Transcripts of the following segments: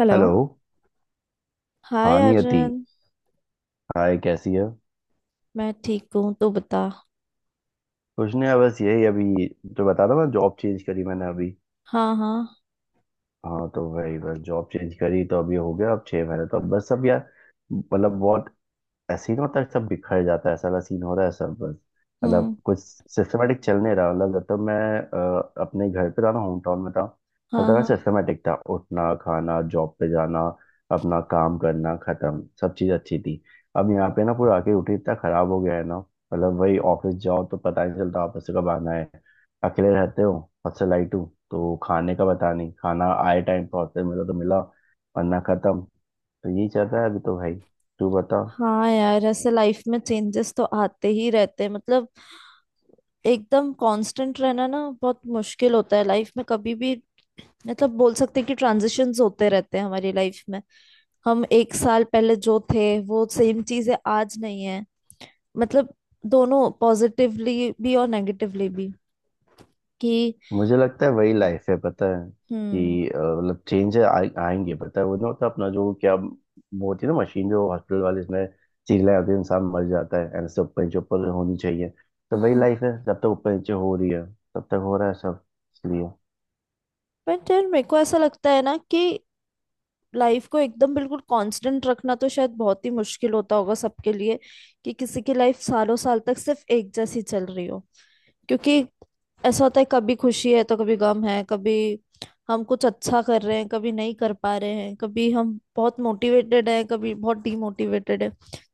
Hello. Hello. Hi हाँ Niyati. Arjun. Hi, कैसी है। मैं ठीक हूँ, तो बता। कुछ नहीं, बस यही। अभी तो बता रहा ना, जॉब चेंज करी मैंने अभी। हाँ हाँ। हाँ, तो वही बस। जॉब चेंज करी तो अभी हो गया, अब 6 महीने। तो बस अब यार, मतलब बहुत सीन होता है, सब बिखर जाता है, ऐसा वाला सीन हो रहा है सब बस। मतलब हम्म। कुछ सिस्टमेटिक चल नहीं रहा। मतलब जब तक मैं अपने घर पे था ना, होम टाउन में था, तब हाँ तक हाँ। सिस्टमेटिक था, उठना, खाना, जॉब पे जाना, अपना काम करना, खत्म। सब चीज़ अच्छी थी। अब यहाँ पे ना, पूरा आके रूटीन इतना खराब हो गया है ना। मतलब वही, ऑफिस जाओ तो पता नहीं चलता ऑफिस से कब आना है। अकेले रहते हो, हॉस्टल लाइट हो, तो खाने का पता नहीं। खाना आए टाइम पर हॉस्टल, मिला तो मिला, वरना खत्म। तो यही चल रहा है अभी तो भाई। तू बता। हाँ यार, ऐसे लाइफ में चेंजेस तो आते ही रहते हैं। मतलब एकदम कांस्टेंट रहना ना बहुत मुश्किल होता है लाइफ में कभी भी। मतलब बोल सकते हैं कि ट्रांजिशंस होते रहते हैं हमारी लाइफ में। हम एक साल पहले जो थे वो सेम चीजें आज नहीं है। मतलब दोनों पॉजिटिवली भी और नेगेटिवली भी। कि मुझे लगता है वही लाइफ है पता है। हम्म कि मतलब चेंज आएंगे पता है। वो ना होता है अपना जो, क्या वो होती है ना मशीन, जो हॉस्पिटल वाले इसमें चीज ले आते हैं, इंसान मर जाता है, ऐसे ऊपर नीचे ऊपर होनी चाहिए। तो वही हाँ, लाइफ है, जब तक ऊपर नीचे हो रही है तब तक हो रहा है सब। इसलिए। बट यार मेरे को ऐसा लगता है ना कि लाइफ को एकदम बिल्कुल कांस्टेंट रखना तो शायद बहुत ही मुश्किल होता होगा सबके लिए। कि किसी की लाइफ सालों साल तक सिर्फ एक जैसी चल रही हो, क्योंकि ऐसा होता है कभी खुशी है तो कभी गम है, कभी हम कुछ अच्छा कर रहे हैं कभी नहीं कर पा रहे हैं, कभी हम बहुत मोटिवेटेड हैं कभी बहुत डीमोटिवेटेड है।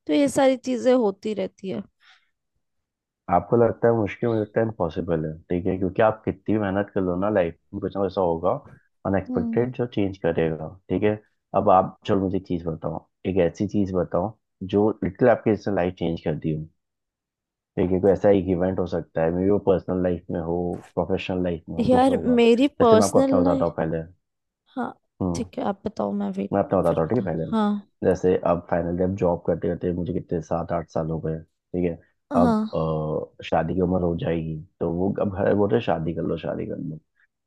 तो ये सारी चीजें होती रहती है। आपको लगता है मुश्किल, मुझे लगता है इम्पॉसिबल है। ठीक है, क्योंकि आप कितनी भी मेहनत कर लो ना, लाइफ में कुछ ना कुछ ऐसा होगा हम्म। अनएक्सपेक्टेड जो चेंज करेगा। ठीक है। अब आप चलो, मुझे एक चीज बताओ, एक ऐसी चीज बताओ जो लिटिल आपके इसने लाइफ चेंज कर दी। देखिए, कोई ऐसा एक इवेंट हो सकता है, मे बी वो पर्सनल लाइफ में हो, प्रोफेशनल लाइफ में हो, कुछ यार होगा। मेरी जैसे मैं आपको पर्सनल अपना बताता लाइफ। हूँ पहले। हाँ हम्म। ठीक है, आप बताओ, मैं वेट मैं अपना बताता फिर हूँ, ठीक है, बताऊँ। पहले। हाँ। जैसे अब फाइनली, अब जॉब करते करते मुझे कितने 7 8 साल हो गए, ठीक है। अब हाँ। शादी की उम्र हो जाएगी, तो वो अब घर बोल रहे शादी कर लो, शादी कर लो।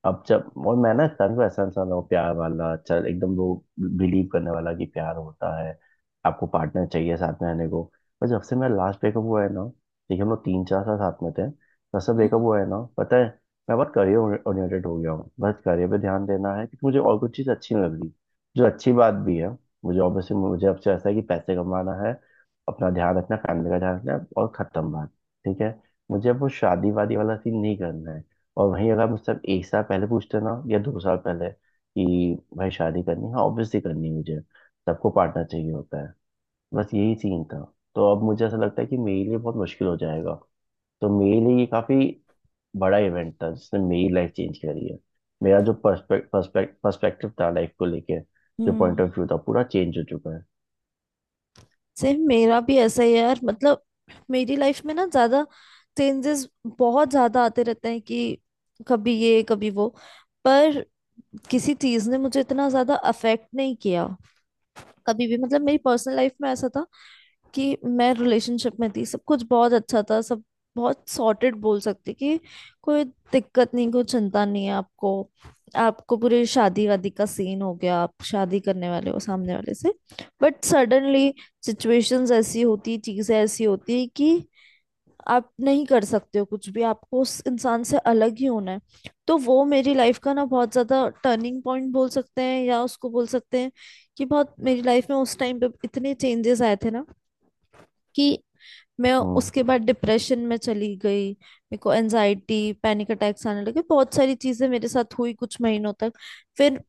अब जब, और मैं ना इंसान को, ऐसा इंसान हूँ प्यार वाला, चल एकदम वो बिलीव करने वाला कि प्यार होता है, आपको पार्टनर चाहिए साथ में रहने को। पर जब से मेरा लास्ट ब्रेकअप हुआ है ना, देखिए, हम लोग 3 4 साल साथ में थे। जब से ब्रेकअप हम्म हुआ है ना, पता है, मैं बहुत करियर ओरिएंटेड हो गया हूँ। बस करियर पे ध्यान देना है, क्योंकि मुझे और कुछ चीज़ अच्छी नहीं लग रही, जो अच्छी बात भी है। मुझे ऑब्वियसली, मुझे अब से ऐसा है कि पैसे कमाना है, अपना ध्यान रखना, फैमिली का ध्यान रखना है, और खत्म बात। ठीक है, मुझे अब वो शादी वादी वाला सीन नहीं करना है। और वहीं अगर मुझसे आप एक साल पहले पूछते ना, या 2 साल पहले, कि भाई शादी करनी है, ऑब्वियसली करनी है मुझे, सबको पार्टनर चाहिए होता है, बस यही सीन था। तो अब मुझे ऐसा लगता है कि मेरे लिए बहुत मुश्किल हो जाएगा। तो मेरे लिए ये काफी बड़ा इवेंट था जिसने मेरी लाइफ चेंज करी है। मेरा जो पर्सपेक्ट पर्सपेक्ट पर्सपेक्टिव था लाइफ को लेके, जो पॉइंट हम्म। ऑफ व्यू था, पूरा चेंज हो चुका है। सेम मेरा भी ऐसा ही है यार। मतलब मेरी लाइफ में ना ज्यादा चेंजेस बहुत ज्यादा आते रहते हैं। कि कभी ये कभी वो, पर किसी चीज ने मुझे इतना ज्यादा अफेक्ट नहीं किया कभी भी। मतलब मेरी पर्सनल लाइफ में ऐसा था कि मैं रिलेशनशिप में थी, सब कुछ बहुत अच्छा था, सब बहुत सॉर्टेड बोल सकते कि कोई दिक्कत नहीं कोई चिंता नहीं है आपको। आपको पूरी शादी वादी का सीन हो गया, आप शादी करने वाले हो सामने वाले से। बट सडनली सिचुएशंस ऐसी होती, चीजें ऐसी होती कि आप नहीं कर सकते हो कुछ भी, आपको उस इंसान से अलग ही होना है। तो वो मेरी लाइफ का ना बहुत ज्यादा टर्निंग पॉइंट बोल सकते हैं, या उसको बोल सकते हैं कि बहुत मेरी लाइफ में उस टाइम पे इतने चेंजेस आए थे ना, कि मैं हम्म। उसके बाद डिप्रेशन में चली गई, मेरे को एनजाइटी पैनिक अटैक्स आने लगे, बहुत सारी चीजें मेरे साथ हुई कुछ महीनों तक। फिर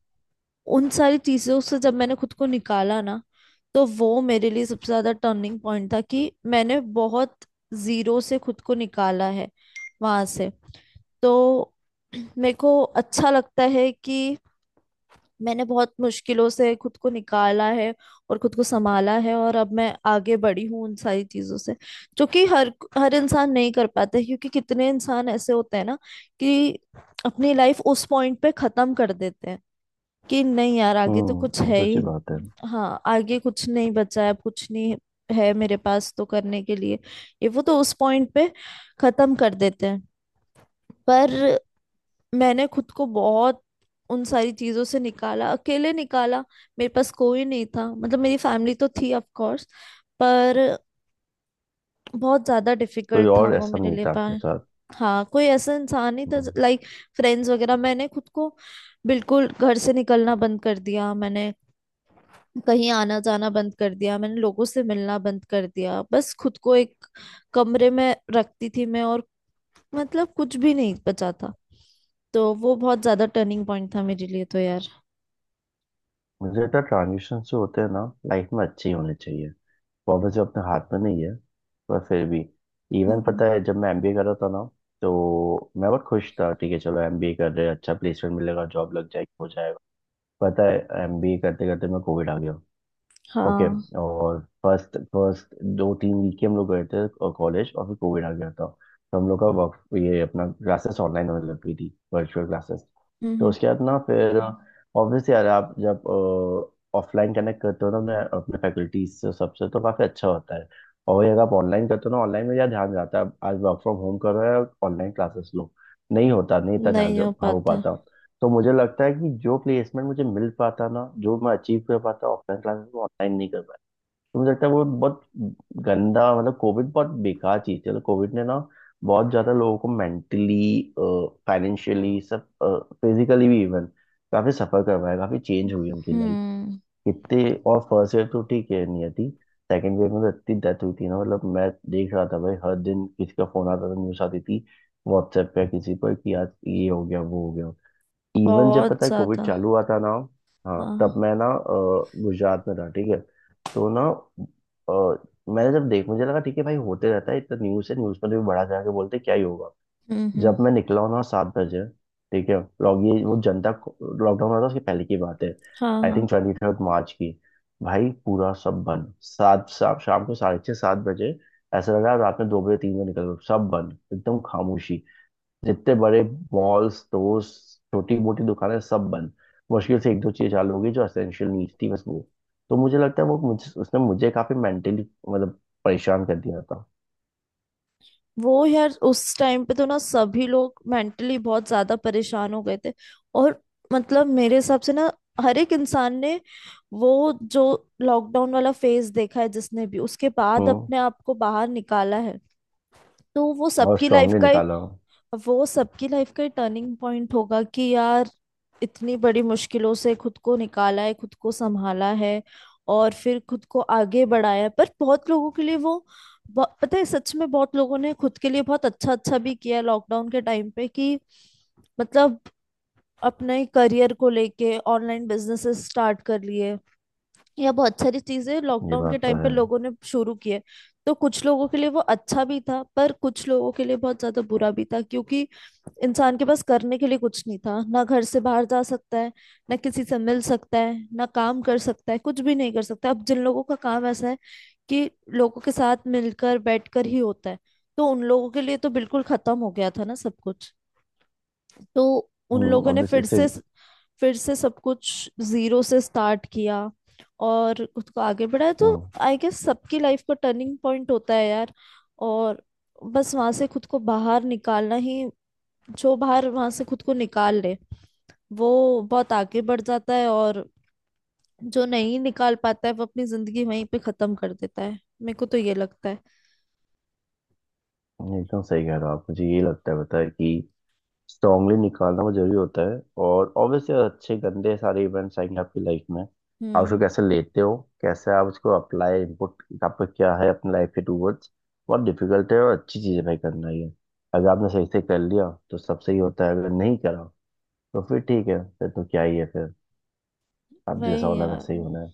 उन सारी चीजों से जब मैंने खुद को निकाला ना, तो वो मेरे लिए सबसे ज्यादा टर्निंग पॉइंट था कि मैंने बहुत जीरो से खुद को निकाला है वहां से। तो मेरे को अच्छा लगता है कि मैंने बहुत मुश्किलों से खुद को निकाला है और खुद को संभाला है, और अब मैं आगे बढ़ी हूँ उन सारी चीजों से। जो कि हर हर इंसान नहीं कर पाता है, क्योंकि कितने इंसान ऐसे होते हैं ना कि अपनी लाइफ उस पॉइंट पे खत्म कर देते हैं कि नहीं यार आगे तो कुछ हम्म, है ऑब्वियस सी ही बात है। नहीं। हाँ आगे कुछ नहीं बचा है, अब कुछ नहीं है मेरे पास तो करने के लिए, ये वो, तो उस पॉइंट पे खत्म कर देते हैं। पर मैंने खुद को बहुत उन सारी चीजों से निकाला, अकेले निकाला। मेरे पास कोई नहीं था, मतलब मेरी फैमिली तो थी ऑफ कोर्स, पर बहुत ज्यादा कोई डिफिकल्ट था और वो ऐसा मेरे नहीं लिए। था आपके पर साथ? हाँ कोई ऐसा इंसान नहीं था हम्म। लाइक फ्रेंड्स वगैरह। मैंने खुद को बिल्कुल घर से निकलना बंद कर दिया मैंने, कहीं आना जाना बंद कर दिया मैंने, लोगों से मिलना बंद कर दिया, बस खुद को एक कमरे में रखती थी मैं। और मतलब कुछ भी नहीं बचा था। तो वो बहुत ज्यादा टर्निंग पॉइंट था मेरे लिए, तो यार। मुझे लगता है ट्रांजिशन जो होते हैं ना लाइफ में, अच्छे ही होने चाहिए, वो जो अपने हाथ में नहीं है, पर फिर भी। इवन हम्म। पता है, जब मैं MBA कर रहा था ना, तो मैं बहुत खुश था, ठीक है चलो, MBA कर रहे हैं, अच्छा प्लेसमेंट मिलेगा, जॉब लग जाएगी, हो जाएगा। पता है, MBA करते करते मैं कोविड आ गया। ओके। हाँ। और फर्स्ट फर्स्ट 2 3 वीक के हम लोग गए थे कॉलेज, और फिर कोविड आ गया था। तो हम लोग का वर्क, ये अपना क्लासेस ऑनलाइन होने लग गई थी, वर्चुअल क्लासेस। तो हम्म। उसके बाद ना, फिर ऑब्वियसली यार, आप जब ऑफलाइन कनेक्ट करते हो ना अपने अपने फैकल्टीज से, सबसे, तो काफ़ी अच्छा होता है। और वही अगर आप ऑनलाइन करते हो ना, ऑनलाइन में ज़्यादा ध्यान जाता है। आप आज वर्क फ्रॉम होम कर रहे हो, ऑनलाइन क्लासेस लो, नहीं होता, नहीं इतना ध्यान नहीं जो हो हो पाता। पाता। तो मुझे लगता है कि जो प्लेसमेंट मुझे मिल पाता ना, जो मैं अचीव कर पाता ऑफलाइन क्लासेस में, ऑनलाइन नहीं कर पाया। तो मुझे लगता है वो बहुत गंदा, मतलब कोविड बहुत बेकार चीज थी। मतलब कोविड ने ना बहुत ज्यादा लोगों को मेंटली, फाइनेंशियली सब, फिजिकली भी इवन, काफी सफर करवाया, काफी चेंज हुई उनकी लाइफ। हम्म। कितने, और फर्स्ट ईयर तो ठीक है नहीं थी, सेकेंड ईयर में तो इतनी डेथ हुई थी ना, मतलब मैं देख रहा था भाई, हर दिन किसी का फोन आता था, न्यूज आती थी व्हाट्सएप पे किसी पर कि आज ये हो गया वो हो गया। इवन जब बहुत पता है कोविड ज्यादा। चालू हुआ था ना, हाँ, हाँ। तब मैं ना गुजरात में था, ठीक है। तो ना अ, मैंने जब देख, मुझे लगा ठीक है भाई, होते रहता है, इतना न्यूज़ है, न्यूज़ पर भी बड़ा जाके बोलते क्या ही होगा। जब हम्म। मैं निकला हूँ ना 7 बजे, ठीक है। लॉग ये वो जनता लॉकडाउन हुआ था, उसके पहले की बात है। हाँ आई हाँ, थिंक 23 मार्च की। भाई पूरा सब बंद, शाम को साढ़े छः सात बजे। ऐसा लगा रात में 2 बजे 3 बजे निकल गए, सब बंद, एकदम खामोशी। जितने बड़े मॉल्स, स्टोर्स, छोटी मोटी दुकानें सब बंद। मुश्किल से एक दो चीज चालू होगी जो एसेंशियल नीड थी, बस वो। तो मुझे लगता है वो, मुझे उसने मुझे काफी मेंटली मतलब परेशान कर दिया था। वो यार उस टाइम पे तो ना सभी लोग मेंटली बहुत ज्यादा परेशान हो गए थे। और मतलब मेरे हिसाब से ना हर एक इंसान ने वो जो लॉकडाउन वाला फेज देखा है, जिसने भी उसके बाद हम्म, अपने आप को बाहर निकाला है, तो वो और सबकी लाइफ स्ट्रांगली का निकाला हूँ। वो सबकी लाइफ का टर्निंग पॉइंट होगा कि यार इतनी बड़ी मुश्किलों से खुद को निकाला है, खुद को संभाला है और फिर खुद को आगे बढ़ाया है। पर बहुत लोगों के लिए वो पता है सच में बहुत लोगों ने खुद के लिए बहुत अच्छा अच्छा भी किया लॉकडाउन के टाइम पे। कि मतलब अपने करियर को लेके ऑनलाइन बिजनेसेस स्टार्ट कर लिए, या बहुत सारी चीजें ये लॉकडाउन के बात तो टाइम पे है। लोगों ने शुरू किए। तो कुछ लोगों के लिए वो अच्छा भी था, पर कुछ लोगों के लिए बहुत ज्यादा बुरा भी था, क्योंकि इंसान के पास करने के लिए कुछ नहीं था, ना घर से बाहर जा सकता है, ना किसी से मिल सकता है, ना काम कर सकता है, कुछ भी नहीं कर सकता। अब जिन लोगों का काम ऐसा है कि लोगों के साथ मिलकर बैठकर ही होता है, तो उन लोगों के लिए तो बिल्कुल खत्म हो गया था ना सब कुछ। तो उन हम्म। लोगों ने अब फिर इससे। से फिर से सब कुछ जीरो से स्टार्ट किया और खुद को आगे बढ़ाया। तो हम्म, आई गेस सबकी लाइफ का टर्निंग पॉइंट होता है यार। और बस वहां से खुद को बाहर निकालना ही, जो बाहर वहां से खुद को निकाल ले वो बहुत आगे बढ़ जाता है, और जो नहीं निकाल पाता है वो अपनी जिंदगी वहीं पे खत्म कर देता है। मेरे को तो ये लगता है। ये एकदम सही कह रहे हो आप। मुझे ये लगता है पता है, कि स्ट्रांगली निकालना वो जरूरी होता है। और ऑब्वियसली अच्छे गंदे सारे इवेंट्स आएंगे आपकी लाइफ में, आप उसको हम्म। कैसे लेते हो, कैसे आप उसको अप्लाई, इनपुट आपका क्या है अपनी लाइफ के टूवर्ड्स। बहुत डिफिकल्ट है, और अच्छी चीज़ है भाई करना ये। अगर आपने सही से कर लिया तो सब सही होता है, अगर नहीं करा तो फिर ठीक है, फिर तो क्या ही है, फिर आप जैसा वही होना है यार। वैसे ही होना है।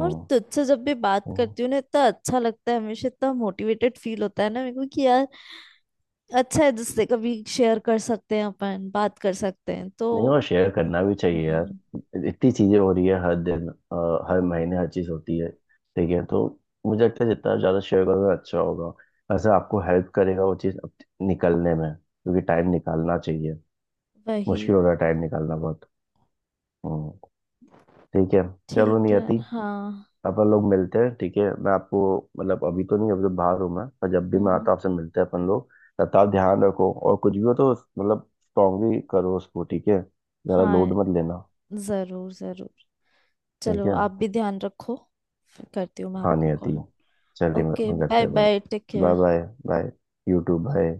और तुझसे जब भी बात हम्म। करती हूँ ना इतना अच्छा लगता है, हमेशा इतना मोटिवेटेड फील होता है ना मेरे को कि यार अच्छा है जिससे कभी शेयर कर सकते हैं अपन, बात कर सकते हैं, तो। नहीं, वो शेयर करना भी चाहिए यार। हम्म। इतनी चीजें हो रही है हर दिन, हर महीने, हर चीज होती है, ठीक है। तो मुझे लगता है जितना ज्यादा शेयर करोगे अच्छा होगा। ऐसा आपको हेल्प करेगा वो चीज अब निकलने में, क्योंकि टाइम निकालना चाहिए, वही। मुश्किल हो रहा है टाइम निकालना बहुत। हम्म। ठीक है। चलो ठीक है। नियति, हाँ। अपन लोग मिलते हैं, ठीक है। मैं आपको, मतलब अभी तो नहीं, अभी तो बाहर हूँ मैं, पर जब भी मैं हम्म। आता हूँ आपसे मिलते हैं अपन लोग। तब आप ध्यान रखो, और कुछ भी हो तो मतलब स्ट्रांगली करो उसको, ठीक है। ज्यादा हाँ लोड मत लेना। जरूर जरूर। ठीक चलो है। आप भी ध्यान रखो। फिर करती हूँ मैं हाँ आपको नियति, कॉल। चलिए ओके मैं करते बाय हैं बात। Bye, take bye care. Bye. Bye. YouTube, bye.